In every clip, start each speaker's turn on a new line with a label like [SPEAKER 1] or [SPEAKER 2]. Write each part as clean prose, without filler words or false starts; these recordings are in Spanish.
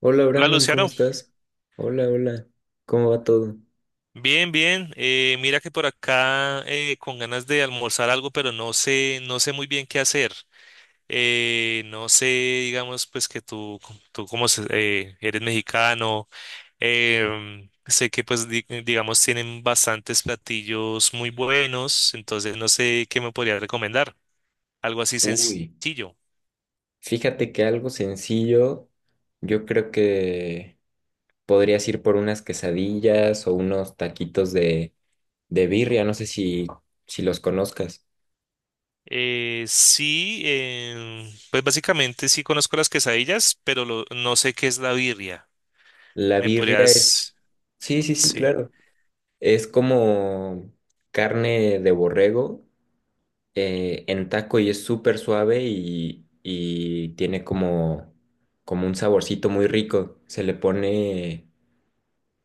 [SPEAKER 1] Hola
[SPEAKER 2] Hola
[SPEAKER 1] Brandon, ¿cómo
[SPEAKER 2] Luciano,
[SPEAKER 1] estás? Hola, hola, ¿cómo va todo?
[SPEAKER 2] bien, bien. Mira que por acá con ganas de almorzar algo, pero no sé, no sé muy bien qué hacer. No sé, digamos, pues que tú como eres mexicano. Sé que pues digamos tienen bastantes platillos muy buenos, entonces no sé qué me podría recomendar. Algo así
[SPEAKER 1] Uy,
[SPEAKER 2] sencillo.
[SPEAKER 1] fíjate que algo sencillo, yo creo que podrías ir por unas quesadillas o unos taquitos de birria, no sé si los conozcas.
[SPEAKER 2] Sí. Pues básicamente sí conozco las quesadillas, pero no sé qué es la birria.
[SPEAKER 1] La
[SPEAKER 2] ¿Me
[SPEAKER 1] birria es,
[SPEAKER 2] podrías...
[SPEAKER 1] sí, sí, sí,
[SPEAKER 2] Sí,
[SPEAKER 1] claro, es como carne de borrego en taco y es súper suave y tiene como un saborcito muy rico.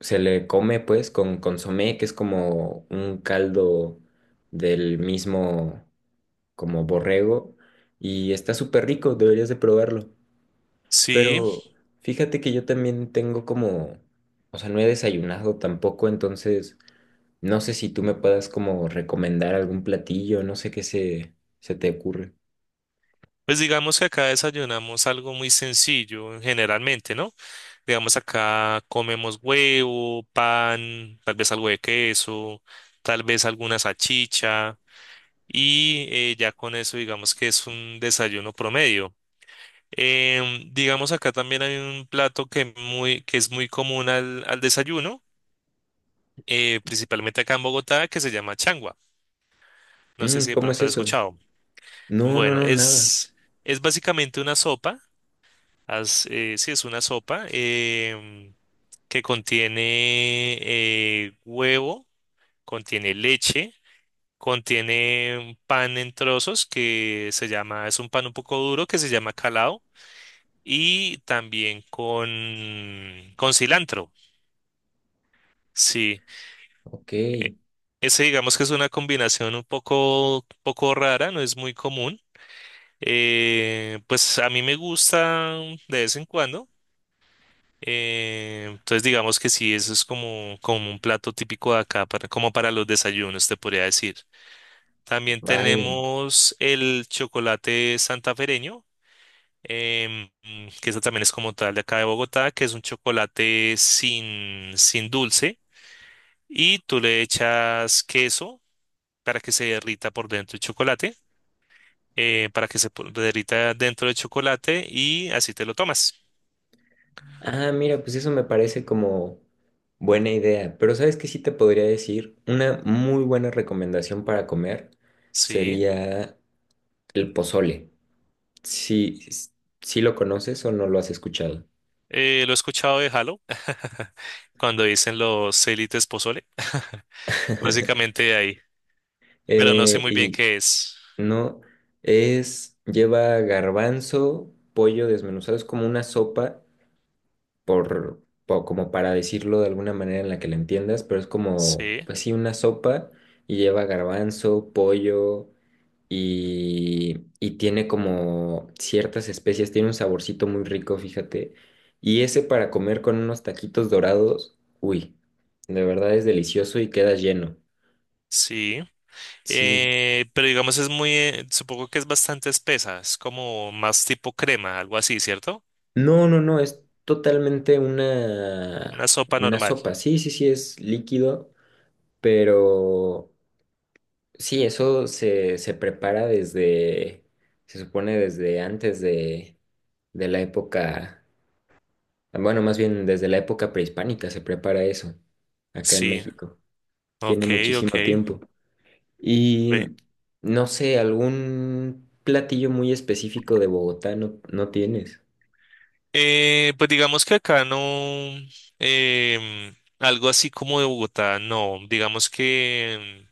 [SPEAKER 1] Se le come pues con consomé, que es como un caldo del mismo como borrego y está súper rico, deberías de probarlo.
[SPEAKER 2] sí,
[SPEAKER 1] Pero fíjate que yo también tengo como, o sea, no he desayunado tampoco, entonces no sé si tú me puedas como recomendar algún platillo, no sé qué se te ocurre.
[SPEAKER 2] pues digamos que acá desayunamos algo muy sencillo generalmente, ¿no? Digamos acá comemos huevo, pan, tal vez algo de queso, tal vez alguna salchicha y ya con eso digamos que es un desayuno promedio. Digamos acá también hay un plato que es muy común al desayuno, principalmente acá en Bogotá, que se llama changua. No sé
[SPEAKER 1] Mm,
[SPEAKER 2] si de
[SPEAKER 1] ¿cómo es
[SPEAKER 2] pronto has
[SPEAKER 1] eso?
[SPEAKER 2] escuchado.
[SPEAKER 1] No, no,
[SPEAKER 2] Bueno,
[SPEAKER 1] no, nada.
[SPEAKER 2] es básicamente una sopa. Haz, sí, es una sopa, que contiene huevo, contiene leche, contiene un pan en trozos que se llama, es un pan un poco duro que se llama calao y también con cilantro. Sí,
[SPEAKER 1] Ok,
[SPEAKER 2] e- ese digamos que es una combinación un poco, poco rara, no es muy común. Pues a mí me gusta de vez en cuando. Entonces digamos que sí, eso es como, como un plato típico de acá, para, como para los desayunos, te podría decir. También
[SPEAKER 1] vale.
[SPEAKER 2] tenemos el chocolate santafereño, que eso también es como tal de acá de Bogotá, que es un chocolate sin dulce y tú le echas queso para que se derrita por dentro el chocolate, para que derrita dentro del chocolate y así te lo tomas.
[SPEAKER 1] Ah, mira, pues eso me parece como buena idea. Pero ¿sabes qué sí te podría decir? Una muy buena recomendación para comer
[SPEAKER 2] Sí.
[SPEAKER 1] sería el pozole. Si, si lo conoces o no lo has escuchado.
[SPEAKER 2] Lo he escuchado de Halo, cuando dicen los élites pozole. Básicamente de ahí. Pero no sé
[SPEAKER 1] Eh,
[SPEAKER 2] muy bien
[SPEAKER 1] y
[SPEAKER 2] qué es.
[SPEAKER 1] no, es, lleva garbanzo, pollo desmenuzado, es como una sopa, como para decirlo de alguna manera en la que la entiendas, pero es como,
[SPEAKER 2] Sí,
[SPEAKER 1] pues sí, una sopa y lleva garbanzo, pollo. Y tiene como ciertas especies, tiene un saborcito muy rico, fíjate. Y ese para comer con unos taquitos dorados, uy, de verdad es delicioso y queda lleno.
[SPEAKER 2] sí.
[SPEAKER 1] Sí.
[SPEAKER 2] Pero digamos es muy, supongo que es bastante espesa. Es como más tipo crema, algo así, ¿cierto?
[SPEAKER 1] No, no, no, es totalmente
[SPEAKER 2] Una sopa
[SPEAKER 1] una
[SPEAKER 2] normal.
[SPEAKER 1] sopa. Sí, sí, sí, es líquido, pero sí, se prepara se supone desde antes de la época. Bueno, más bien desde la época prehispánica se prepara eso, acá en
[SPEAKER 2] Sí.
[SPEAKER 1] México. Tiene
[SPEAKER 2] Ok, ok.
[SPEAKER 1] muchísimo tiempo. Y
[SPEAKER 2] Ve.
[SPEAKER 1] no sé, algún platillo muy específico de Bogotá no, no tienes.
[SPEAKER 2] Pues digamos que acá no. Algo así como de Bogotá, no. Digamos que...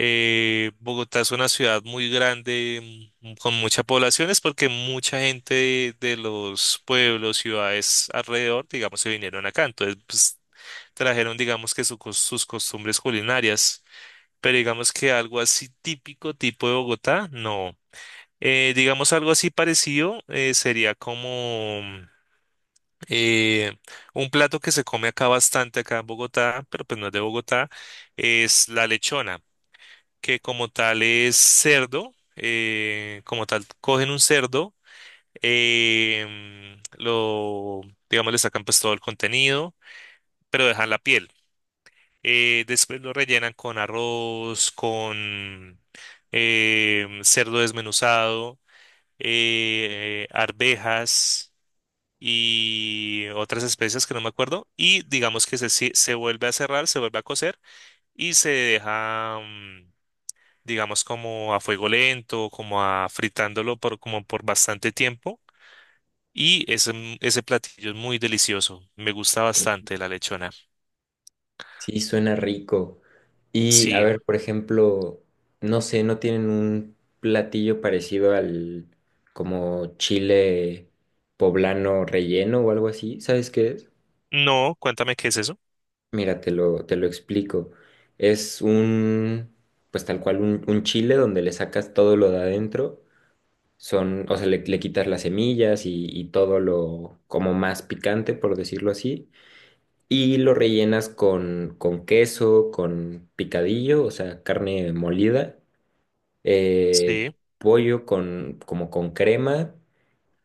[SPEAKER 2] Bogotá es una ciudad muy grande, con mucha población, es porque mucha gente de los pueblos, ciudades alrededor, digamos, se vinieron acá. Entonces, pues, trajeron, digamos, que su sus costumbres culinarias. Pero digamos que algo así típico, tipo de Bogotá, no. Digamos, algo así parecido sería como eh, un plato que se come acá bastante, acá en Bogotá, pero pues no es de Bogotá, es la lechona, que como tal es cerdo. Como tal cogen un cerdo, em, lo, digamos, le sacan pues todo el contenido, pero dejan la piel. Después lo rellenan con arroz, con cerdo desmenuzado, arvejas y otras especias que no me acuerdo. Y digamos que se vuelve a cerrar, se vuelve a cocer y se deja... digamos como a fuego lento, como a fritándolo por, como por bastante tiempo. Y ese platillo es muy delicioso. Me gusta bastante la lechona.
[SPEAKER 1] Sí, suena rico. Y a
[SPEAKER 2] Sí.
[SPEAKER 1] ver, por ejemplo, no sé, no tienen un platillo parecido al como chile poblano relleno o algo así. ¿Sabes qué es?
[SPEAKER 2] No, cuéntame qué es eso.
[SPEAKER 1] Mira, te lo explico. Es un, pues tal cual, un chile donde le sacas todo lo de adentro. Son, o sea, le quitas las semillas y todo lo como más picante, por decirlo así. Y lo rellenas con queso, con picadillo, o sea, carne molida, eh,
[SPEAKER 2] Sí.
[SPEAKER 1] pollo con, como con crema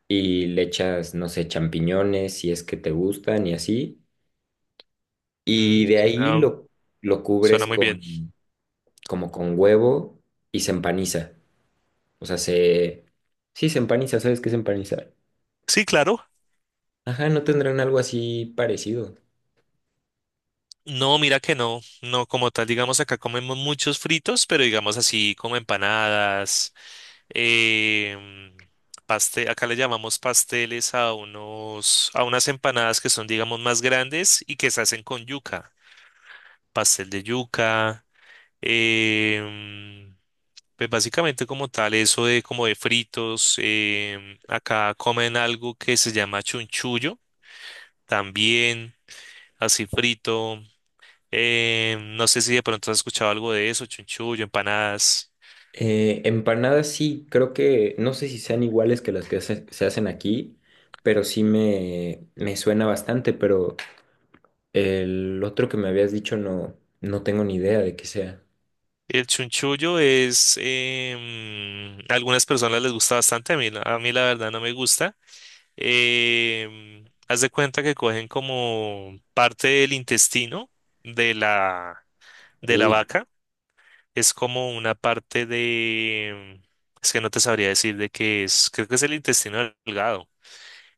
[SPEAKER 1] y le echas, no sé, champiñones si es que te gustan y así. Y de ahí
[SPEAKER 2] suena,
[SPEAKER 1] lo cubres
[SPEAKER 2] suena muy bien.
[SPEAKER 1] con... como con huevo y se empaniza. O sea, se... Sí, se empaniza, ¿sabes qué es empanizar?
[SPEAKER 2] Sí, claro.
[SPEAKER 1] Ajá, ¿no tendrán algo así parecido?
[SPEAKER 2] No, mira que no, no como tal, digamos acá comemos muchos fritos, pero digamos así como empanadas, em, acá le llamamos pasteles a unos, a unas empanadas que son digamos más grandes y que se hacen con yuca, pastel de yuca. em, pues básicamente como tal eso de como de fritos. Acá comen algo que se llama chunchullo, también así frito. No sé si de pronto has escuchado algo de eso, chunchullo, empanadas.
[SPEAKER 1] Empanadas sí, creo que no sé si sean iguales que las que se hacen aquí, pero sí me suena bastante, pero el otro que me habías dicho no, no tengo ni idea de qué sea.
[SPEAKER 2] El chunchullo es, a algunas personas les gusta bastante, a mí, a mí la verdad no me gusta. Haz de cuenta que cogen como parte del intestino de la, de la
[SPEAKER 1] Uy,
[SPEAKER 2] vaca, es como una parte de... es que no te sabría decir de qué es, creo que es el intestino delgado.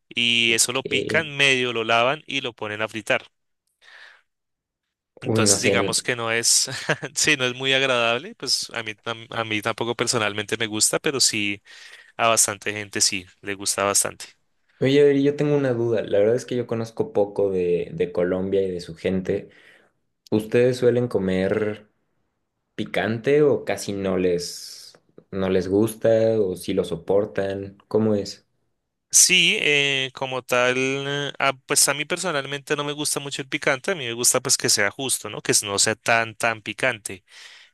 [SPEAKER 2] Y eso lo
[SPEAKER 1] qué...
[SPEAKER 2] pican, medio lo lavan y lo ponen a fritar.
[SPEAKER 1] Uy, no
[SPEAKER 2] Entonces,
[SPEAKER 1] sé. N-
[SPEAKER 2] digamos que no es, sí, no es muy agradable, pues a mí, a mí tampoco personalmente me gusta, pero sí a bastante gente sí, le gusta bastante.
[SPEAKER 1] Oye, Adri, yo tengo una duda. La verdad es que yo conozco poco de Colombia y de su gente. ¿Ustedes suelen comer picante o casi no les, no les gusta o si lo soportan? ¿Cómo es?
[SPEAKER 2] Sí, pues a mí personalmente no me gusta mucho el picante, a mí me gusta pues que sea justo, ¿no? Que no sea tan, tan picante,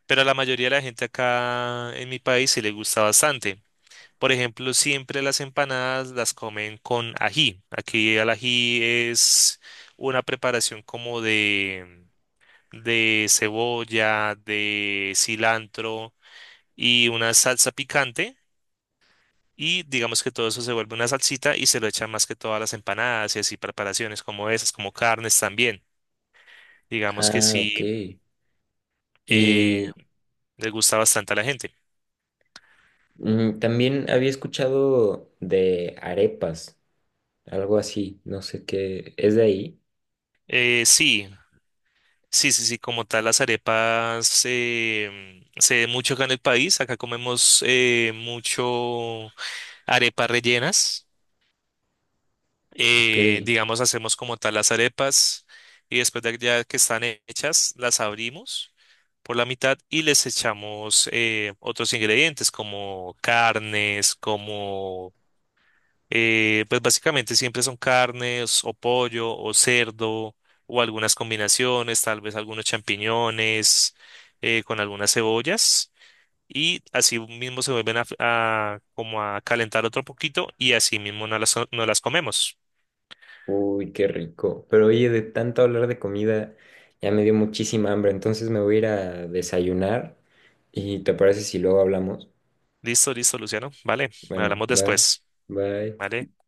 [SPEAKER 2] pero a la mayoría de la gente acá en mi país sí le gusta bastante. Por ejemplo, siempre las empanadas las comen con ají. Aquí el ají es una preparación como de cebolla, de cilantro y una salsa picante. Y digamos que todo eso se vuelve una salsita y se lo echan más que todas las empanadas y así preparaciones como esas, como carnes también. Digamos que
[SPEAKER 1] Ah, ok.
[SPEAKER 2] sí, eh,
[SPEAKER 1] Y
[SPEAKER 2] le gusta bastante a la gente.
[SPEAKER 1] mm, también había escuchado de arepas, algo así, no sé qué, ¿es de ahí?
[SPEAKER 2] Sí, sí, sí, sí, como tal las arepas se ve mucho acá en el país. Acá comemos mucho arepas rellenas.
[SPEAKER 1] Ok.
[SPEAKER 2] Digamos, hacemos como tal las arepas y después de ya que están hechas, las abrimos por la mitad y les echamos otros ingredientes como carnes, como, pues básicamente siempre son carnes o pollo o cerdo o algunas combinaciones, tal vez algunos champiñones con algunas cebollas. Y así mismo se vuelven como a calentar otro poquito y así mismo no no las comemos.
[SPEAKER 1] Uy, qué rico. Pero oye, de tanto hablar de comida, ya me dio muchísima hambre, entonces me voy a ir a desayunar. ¿Y te parece si luego hablamos?
[SPEAKER 2] Listo, listo, Luciano. Vale,
[SPEAKER 1] Bueno,
[SPEAKER 2] hablamos
[SPEAKER 1] va,
[SPEAKER 2] después.
[SPEAKER 1] bye.
[SPEAKER 2] Vale, gracias.